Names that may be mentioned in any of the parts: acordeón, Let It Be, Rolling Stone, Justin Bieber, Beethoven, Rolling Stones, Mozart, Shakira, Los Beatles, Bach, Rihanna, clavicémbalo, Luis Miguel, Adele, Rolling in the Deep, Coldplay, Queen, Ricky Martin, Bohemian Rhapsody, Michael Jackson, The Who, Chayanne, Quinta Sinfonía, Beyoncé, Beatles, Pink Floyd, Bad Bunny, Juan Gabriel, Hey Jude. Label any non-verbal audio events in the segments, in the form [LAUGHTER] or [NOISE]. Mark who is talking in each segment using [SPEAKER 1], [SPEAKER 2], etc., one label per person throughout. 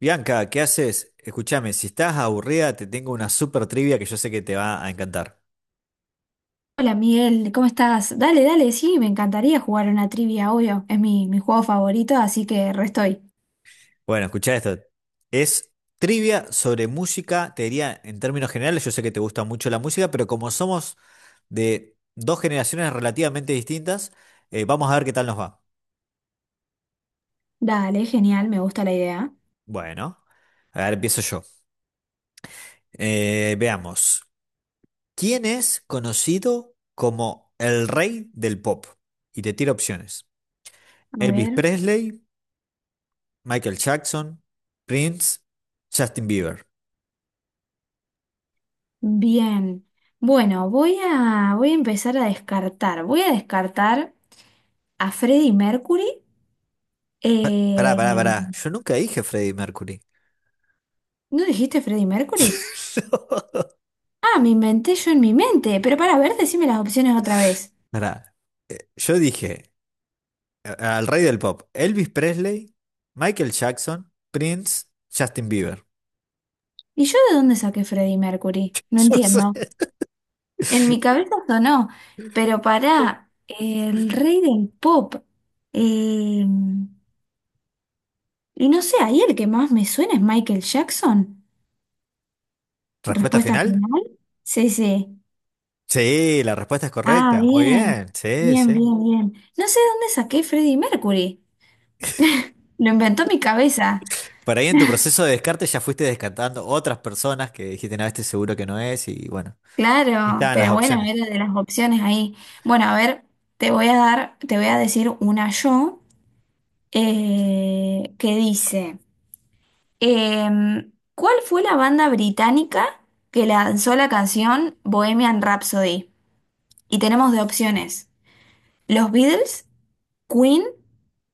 [SPEAKER 1] Bianca, ¿qué haces? Escúchame, si estás aburrida, te tengo una super trivia que yo sé que te va a encantar.
[SPEAKER 2] Hola Miguel, ¿cómo estás? Dale, dale, sí, me encantaría jugar una trivia, obvio. Es mi juego favorito, así que re estoy.
[SPEAKER 1] Bueno, escucha esto. Es trivia sobre música, te diría en términos generales, yo sé que te gusta mucho la música, pero como somos de dos generaciones relativamente distintas, vamos a ver qué tal nos va.
[SPEAKER 2] Dale, genial, me gusta la idea.
[SPEAKER 1] Bueno, a ver, empiezo yo. Veamos. ¿Quién es conocido como el rey del pop? Y te tiro opciones.
[SPEAKER 2] A
[SPEAKER 1] Elvis
[SPEAKER 2] ver,
[SPEAKER 1] Presley, Michael Jackson, Prince, Justin Bieber.
[SPEAKER 2] bien. Bueno, voy a empezar a descartar. Voy a descartar a Freddie Mercury.
[SPEAKER 1] Pará,
[SPEAKER 2] Eh,
[SPEAKER 1] pará, pará. Yo nunca dije Freddie Mercury.
[SPEAKER 2] ¿No dijiste Freddie Mercury?
[SPEAKER 1] [LAUGHS] No.
[SPEAKER 2] Ah, me inventé yo en mi mente, pero para ver, decime las opciones otra vez.
[SPEAKER 1] Pará. Yo dije al rey del pop, Elvis Presley, Michael Jackson, Prince, Justin Bieber.
[SPEAKER 2] ¿Y yo de dónde saqué Freddie
[SPEAKER 1] [LAUGHS]
[SPEAKER 2] Mercury? No
[SPEAKER 1] Yo sé.
[SPEAKER 2] entiendo. En mi cabeza sonó, pero para el rey del pop. eh, y no sé, ahí el que más me suena es Michael Jackson.
[SPEAKER 1] ¿Respuesta
[SPEAKER 2] Respuesta
[SPEAKER 1] final?
[SPEAKER 2] final. Sí, sí.
[SPEAKER 1] Sí, la respuesta es
[SPEAKER 2] Ah,
[SPEAKER 1] correcta. Muy
[SPEAKER 2] bien,
[SPEAKER 1] bien. Sí,
[SPEAKER 2] bien,
[SPEAKER 1] sí.
[SPEAKER 2] bien, bien. No sé dónde saqué Freddie Mercury. Lo inventó mi cabeza.
[SPEAKER 1] Por ahí en tu
[SPEAKER 2] [LAUGHS]
[SPEAKER 1] proceso de descarte ya fuiste descartando otras personas que dijiste, no, este seguro que no es, y bueno. Y
[SPEAKER 2] Claro,
[SPEAKER 1] estaban las
[SPEAKER 2] pero bueno,
[SPEAKER 1] opciones.
[SPEAKER 2] era de las opciones ahí. Bueno, a ver, te voy a decir una yo que dice. ¿Cuál fue la banda británica que lanzó la canción Bohemian Rhapsody? Y tenemos de opciones: Los Beatles, Queen,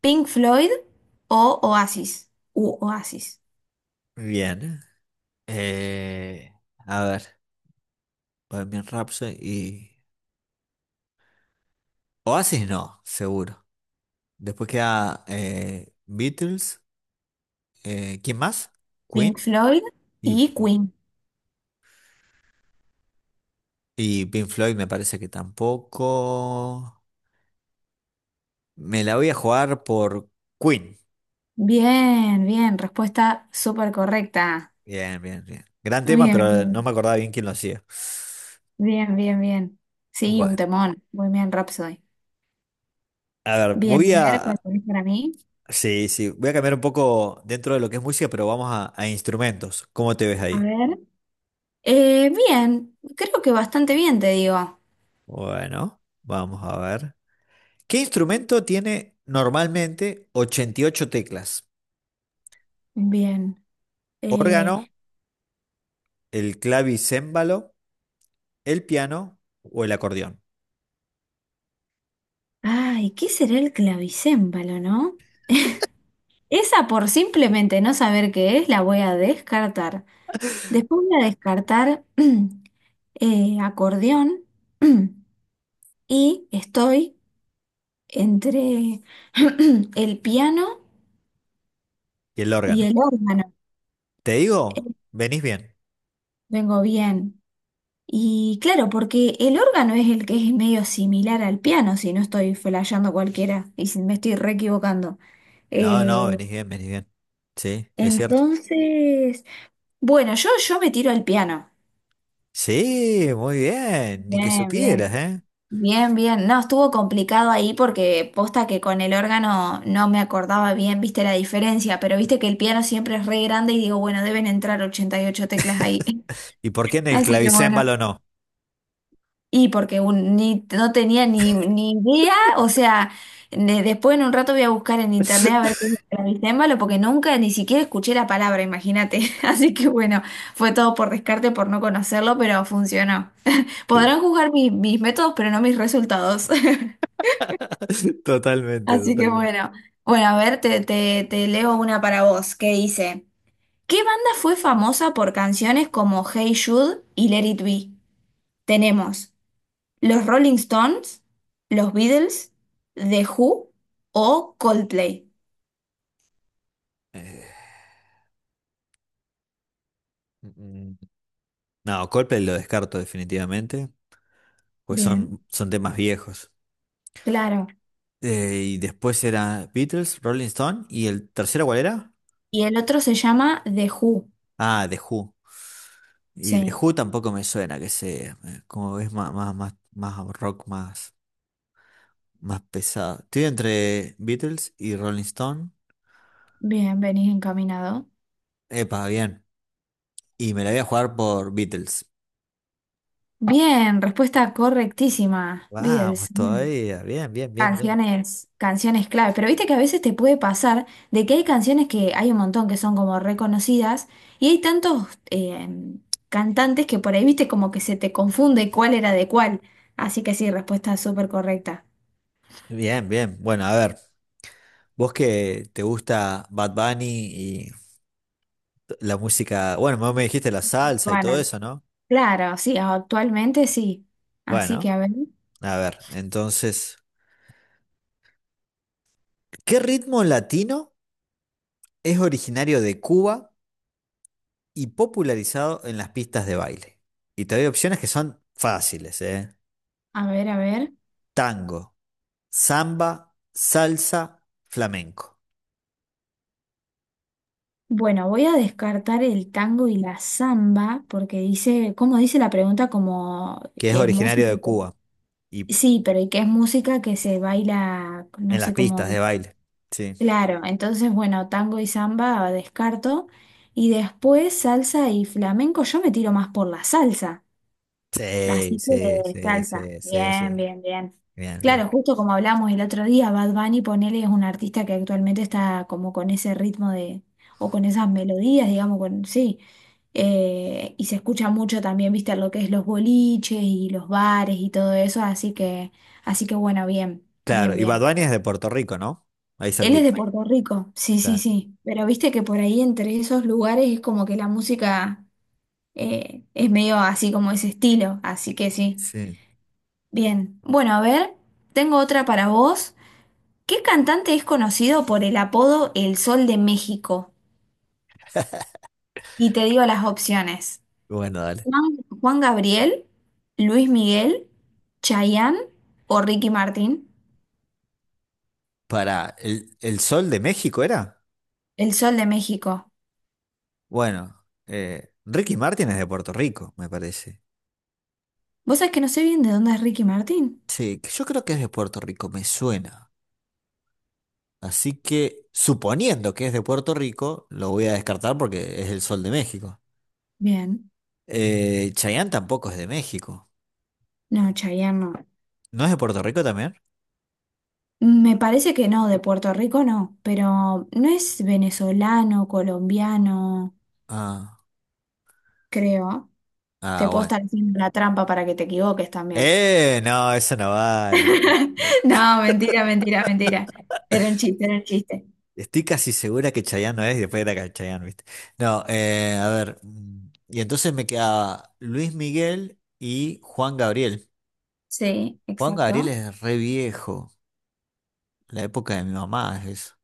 [SPEAKER 2] Pink Floyd o Oasis. U Oasis.
[SPEAKER 1] Bien. Eh, a ver. Bohemian Rhapsody y... Oasis no, seguro. Después queda Beatles, ¿quién más?
[SPEAKER 2] Pink
[SPEAKER 1] Queen
[SPEAKER 2] Floyd
[SPEAKER 1] y,
[SPEAKER 2] y Queen.
[SPEAKER 1] y Pink Floyd me parece que tampoco. Me la voy a jugar por Queen.
[SPEAKER 2] Bien, bien, respuesta súper correcta.
[SPEAKER 1] Bien, bien, bien. Gran tema,
[SPEAKER 2] Bien,
[SPEAKER 1] pero no me
[SPEAKER 2] bien,
[SPEAKER 1] acordaba bien quién lo hacía.
[SPEAKER 2] bien, bien, bien. Sí, un
[SPEAKER 1] Bueno,
[SPEAKER 2] temón. Bohemian Rhapsody.
[SPEAKER 1] a ver,
[SPEAKER 2] Bien,
[SPEAKER 1] voy
[SPEAKER 2] a ver,
[SPEAKER 1] a...
[SPEAKER 2] ¿cuál tenés para mí?
[SPEAKER 1] Sí, sí, voy a cambiar un poco dentro de lo que es música, pero vamos a instrumentos. ¿Cómo te ves
[SPEAKER 2] A
[SPEAKER 1] ahí?
[SPEAKER 2] ver. Bien, creo que bastante bien, te digo.
[SPEAKER 1] Bueno, vamos a ver. ¿Qué instrumento tiene normalmente 88 teclas?
[SPEAKER 2] Bien. Eh,
[SPEAKER 1] ¿Órgano, el clavicémbalo, el piano o el acordeón?
[SPEAKER 2] ¿Qué será el clavicémbalo, no? Esa por simplemente no saber qué es, la voy a descartar. Después voy a descartar [CLEARS THROAT] acordeón [CLEARS THROAT] y estoy entre [CLEARS THROAT] el piano
[SPEAKER 1] Y el
[SPEAKER 2] y
[SPEAKER 1] órgano.
[SPEAKER 2] el órgano.
[SPEAKER 1] ¿Te digo? Venís bien.
[SPEAKER 2] Vengo bien. Y claro, porque el órgano es el que es medio similar al piano, si no estoy flasheando cualquiera y si me estoy re equivocando.
[SPEAKER 1] No, no,
[SPEAKER 2] Eh,
[SPEAKER 1] venís bien, venís bien. Sí, es cierto.
[SPEAKER 2] entonces, bueno, yo me tiro al piano.
[SPEAKER 1] Sí, muy bien. Ni que
[SPEAKER 2] Bien,
[SPEAKER 1] supieras,
[SPEAKER 2] bien.
[SPEAKER 1] ¿eh?
[SPEAKER 2] Bien, bien. No, estuvo complicado ahí porque posta que con el órgano no me acordaba bien, viste la diferencia, pero viste que el piano siempre es re grande y digo, bueno, deben entrar 88 teclas ahí.
[SPEAKER 1] ¿Y por
[SPEAKER 2] [LAUGHS]
[SPEAKER 1] qué en el
[SPEAKER 2] Así que bueno.
[SPEAKER 1] clavicémbalo no?
[SPEAKER 2] Y porque un- ni, no tenía ni idea, o sea, después en un rato voy a buscar en internet a ver qué
[SPEAKER 1] [LAUGHS]
[SPEAKER 2] es el clavicémbalo porque nunca ni siquiera escuché la palabra, imagínate. [LAUGHS] Así que bueno, fue todo por descarte, por no conocerlo, pero funcionó. Podrán juzgar mis métodos, pero no mis resultados. [LAUGHS]
[SPEAKER 1] Totalmente,
[SPEAKER 2] Así que
[SPEAKER 1] totalmente.
[SPEAKER 2] bueno, bueno, a ver, te leo una para vos que dice, ¿qué banda fue famosa por canciones como Hey Jude y Let It Be? Tenemos los Rolling Stones, los Beatles, The Who o Coldplay.
[SPEAKER 1] Eh, mm, mm, No, Coldplay lo descarto definitivamente, pues
[SPEAKER 2] Bien,
[SPEAKER 1] son, son temas viejos.
[SPEAKER 2] claro.
[SPEAKER 1] Y después era Beatles, Rolling Stone. ¿Y el tercero cuál era?
[SPEAKER 2] Y el otro se llama The Who.
[SPEAKER 1] Ah, The Who. Y The
[SPEAKER 2] Sí,
[SPEAKER 1] Who tampoco me suena, que sé, como ves, más, más, más, más rock, más, más pesado. Estoy entre Beatles y Rolling Stone.
[SPEAKER 2] bien, venís encaminado.
[SPEAKER 1] Epa, bien. Y me la voy a jugar por Beatles.
[SPEAKER 2] Bien, respuesta correctísima, Beatles.
[SPEAKER 1] Vamos,
[SPEAKER 2] Bueno.
[SPEAKER 1] todavía. Bien, bien, bien, bien.
[SPEAKER 2] Canciones, canciones clave, pero viste que a veces te puede pasar de que hay canciones que hay un montón que son como reconocidas y hay tantos cantantes que por ahí viste como que se te confunde cuál era de cuál. Así que sí, respuesta súper correcta.
[SPEAKER 1] Bien, bien. Bueno, a ver, vos que te gusta Bad Bunny y la música, bueno, vos me dijiste la salsa y todo
[SPEAKER 2] Juana.
[SPEAKER 1] eso, ¿no?
[SPEAKER 2] Claro, sí, actualmente sí. Así que
[SPEAKER 1] Bueno,
[SPEAKER 2] a ver,
[SPEAKER 1] a ver, entonces... ¿Qué ritmo latino es originario de Cuba y popularizado en las pistas de baile? Y te doy opciones que son fáciles, ¿eh?
[SPEAKER 2] a ver, a ver.
[SPEAKER 1] Tango, samba, salsa, flamenco,
[SPEAKER 2] Bueno, voy a descartar el tango y la samba porque dice, como dice la pregunta, como
[SPEAKER 1] que es
[SPEAKER 2] que música.
[SPEAKER 1] originario de Cuba y
[SPEAKER 2] Sí, pero y que es música que se baila, no
[SPEAKER 1] en las
[SPEAKER 2] sé cómo.
[SPEAKER 1] pistas de
[SPEAKER 2] Dice.
[SPEAKER 1] baile. Sí.
[SPEAKER 2] Claro, entonces, bueno, tango y samba descarto. Y después salsa y flamenco, yo me tiro más por la salsa.
[SPEAKER 1] Sí,
[SPEAKER 2] Así que
[SPEAKER 1] sí, sí,
[SPEAKER 2] salsa,
[SPEAKER 1] sí, sí,
[SPEAKER 2] bien,
[SPEAKER 1] sí.
[SPEAKER 2] bien, bien.
[SPEAKER 1] Bien, bien.
[SPEAKER 2] Claro, justo como hablamos el otro día, Bad Bunny, ponele, es un artista que actualmente está como con ese ritmo o con esas melodías, digamos, con, sí. Y se escucha mucho también, viste, lo que es los boliches y los bares y todo eso, así que bueno, bien,
[SPEAKER 1] Claro,
[SPEAKER 2] bien,
[SPEAKER 1] y Bad
[SPEAKER 2] bien.
[SPEAKER 1] Bunny es de Puerto Rico, ¿no? Ahí
[SPEAKER 2] Él es
[SPEAKER 1] cerquita.
[SPEAKER 2] de Puerto Rico, sí, sí,
[SPEAKER 1] Claro.
[SPEAKER 2] sí, pero viste que por ahí entre esos lugares es como que la música es medio así como ese estilo, así que sí.
[SPEAKER 1] Sí.
[SPEAKER 2] Bien, bueno, a ver, tengo otra para vos. ¿Qué cantante es conocido por el apodo El Sol de México? Y te digo las opciones.
[SPEAKER 1] Bueno, dale.
[SPEAKER 2] Juan, Juan Gabriel, Luis Miguel, Chayanne o Ricky Martin.
[SPEAKER 1] Para el Sol de México era.
[SPEAKER 2] El Sol de México.
[SPEAKER 1] Bueno, Ricky Martin es de Puerto Rico, me parece.
[SPEAKER 2] ¿Vos sabés que no sé bien de dónde es Ricky Martin?
[SPEAKER 1] Sí, que yo creo que es de Puerto Rico, me suena. Así que, suponiendo que es de Puerto Rico, lo voy a descartar porque es el Sol de México.
[SPEAKER 2] Bien.
[SPEAKER 1] Chayanne tampoco es de México.
[SPEAKER 2] No, Chayanne no.
[SPEAKER 1] ¿No es de Puerto Rico también?
[SPEAKER 2] Me parece que no, de Puerto Rico no, pero no es venezolano, colombiano,
[SPEAKER 1] Ah,
[SPEAKER 2] creo. Te
[SPEAKER 1] ah,
[SPEAKER 2] puedo
[SPEAKER 1] bueno.
[SPEAKER 2] estar haciendo la trampa para que te equivoques también.
[SPEAKER 1] No, eso no vale.
[SPEAKER 2] No, mentira, mentira, mentira. Era un chiste, era un chiste.
[SPEAKER 1] Estoy casi segura que Chayanne no es y después era que Chayanne, ¿viste? No, Y entonces me queda Luis Miguel y Juan Gabriel.
[SPEAKER 2] Sí,
[SPEAKER 1] Juan Gabriel
[SPEAKER 2] exacto.
[SPEAKER 1] es re viejo, la época de mi mamá es eso,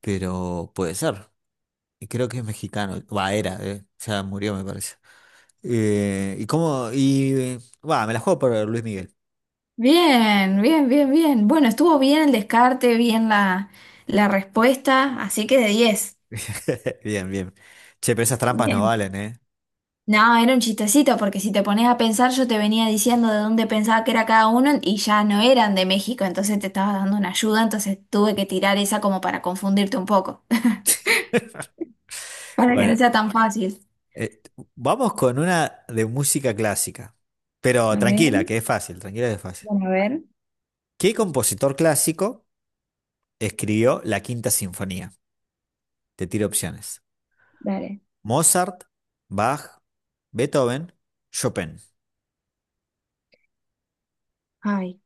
[SPEAKER 1] pero puede ser, y creo que es mexicano, va, era, ya murió me parece. Eh, y cómo, y, eh, Va, me la juego por Luis Miguel.
[SPEAKER 2] Bien, bien, bien, bien. Bueno, estuvo bien el descarte, bien la, la respuesta, así que de 10.
[SPEAKER 1] [LAUGHS] Bien, bien. Che, pero esas trampas no
[SPEAKER 2] Bien.
[SPEAKER 1] valen, ¿eh?
[SPEAKER 2] No, era un chistecito, porque si te pones a pensar, yo te venía diciendo de dónde pensaba que era cada uno y ya no eran de México, entonces te estaba dando una ayuda, entonces tuve que tirar esa como para confundirte un poco, [LAUGHS] para que no
[SPEAKER 1] Bueno,
[SPEAKER 2] sea tan fácil.
[SPEAKER 1] eh, vamos con una de música clásica, pero
[SPEAKER 2] A ver,
[SPEAKER 1] tranquila, que es fácil, tranquila que es fácil.
[SPEAKER 2] bueno, a ver,
[SPEAKER 1] ¿Qué compositor clásico escribió la Quinta Sinfonía? Te tiro opciones.
[SPEAKER 2] dale.
[SPEAKER 1] Mozart, Bach, Beethoven, Chopin.
[SPEAKER 2] Ay.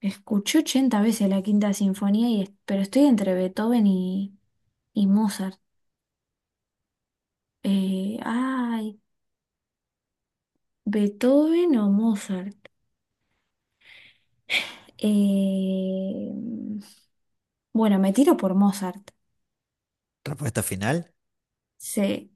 [SPEAKER 2] Escuché 80 veces la Quinta Sinfonía, y, pero estoy entre Beethoven y Mozart. Eh, ay, Beethoven o Mozart. Eh, bueno, me tiro por Mozart.
[SPEAKER 1] Respuesta final.
[SPEAKER 2] Sí,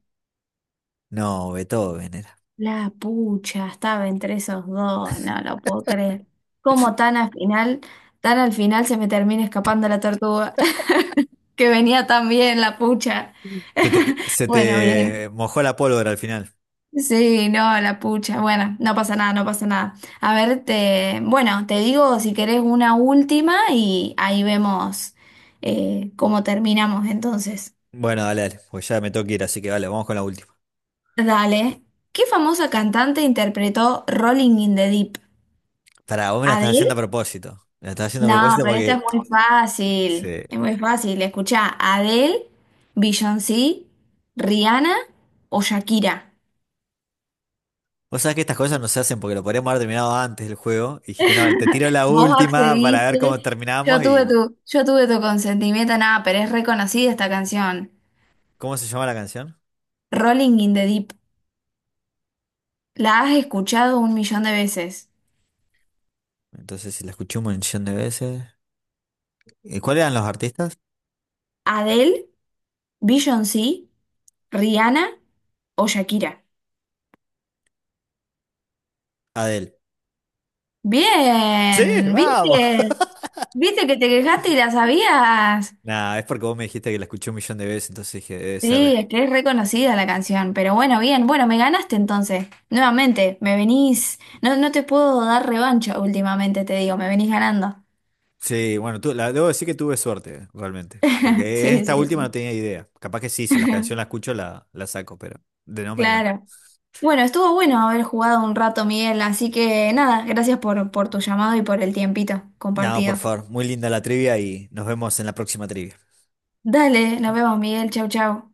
[SPEAKER 1] No, Beethoven era.
[SPEAKER 2] la pucha, estaba entre esos dos, no lo puedo creer. ¿Cómo tan al final se me termina escapando la tortuga? [LAUGHS] Que venía tan bien la pucha.
[SPEAKER 1] Se
[SPEAKER 2] Bueno, bien.
[SPEAKER 1] te mojó la pólvora al final.
[SPEAKER 2] Sí, no, la pucha. Bueno, no pasa nada, no pasa nada. A ver, te, bueno, te digo si querés una última y ahí vemos cómo terminamos entonces.
[SPEAKER 1] Bueno, dale, dale, porque ya me tengo que ir, así que vale, vamos con la última.
[SPEAKER 2] Dale. ¿Qué famosa cantante interpretó Rolling in the Deep?
[SPEAKER 1] Pará, vos me la estás
[SPEAKER 2] ¿Adele?
[SPEAKER 1] haciendo a propósito. Me la estás haciendo a
[SPEAKER 2] No,
[SPEAKER 1] propósito
[SPEAKER 2] pero esta es
[SPEAKER 1] porque...
[SPEAKER 2] muy fácil.
[SPEAKER 1] Sí.
[SPEAKER 2] Es muy fácil. Escuchá, ¿Adele, Beyoncé, Rihanna o Shakira?
[SPEAKER 1] Vos sabés que estas cosas no se hacen porque lo podríamos haber terminado antes del juego. Y dijiste, no, vale, te tiro la
[SPEAKER 2] Vos
[SPEAKER 1] última para ver cómo
[SPEAKER 2] accediste,
[SPEAKER 1] terminamos y...
[SPEAKER 2] yo tuve tu consentimiento, nada, pero es reconocida esta canción.
[SPEAKER 1] ¿Cómo se llama la canción?
[SPEAKER 2] Rolling in the Deep. La has escuchado un millón de veces.
[SPEAKER 1] Entonces, si la escuché un montón de veces... ¿Y cuáles eran los artistas?
[SPEAKER 2] Adele, Beyoncé, Rihanna o Shakira.
[SPEAKER 1] Adele. Sí,
[SPEAKER 2] Bien,
[SPEAKER 1] vamos.
[SPEAKER 2] ¿viste?
[SPEAKER 1] [LAUGHS]
[SPEAKER 2] ¿Viste que te quejaste y la sabías?
[SPEAKER 1] Nah, es porque vos me dijiste que la escuché un millón de veces, entonces dije, debe
[SPEAKER 2] Sí,
[SPEAKER 1] ser.
[SPEAKER 2] es que es reconocida la canción, pero bueno, bien, bueno, me ganaste entonces. Nuevamente, me venís, no, no te puedo dar revancha últimamente, te digo, me venís ganando.
[SPEAKER 1] Sí, bueno, tú, la, debo decir que tuve suerte, realmente.
[SPEAKER 2] [LAUGHS]
[SPEAKER 1] Porque
[SPEAKER 2] Sí,
[SPEAKER 1] esta
[SPEAKER 2] sí,
[SPEAKER 1] última no
[SPEAKER 2] sí.
[SPEAKER 1] tenía idea. Capaz que sí, si la canción la
[SPEAKER 2] [LAUGHS]
[SPEAKER 1] escucho, la saco, pero de nombre no.
[SPEAKER 2] Claro. Bueno, estuvo bueno haber jugado un rato, Miguel, así que nada, gracias por tu llamado y por el tiempito
[SPEAKER 1] No, por
[SPEAKER 2] compartido.
[SPEAKER 1] favor, muy linda la trivia y nos vemos en la próxima trivia.
[SPEAKER 2] Dale, nos vemos, Miguel. Chau, chau.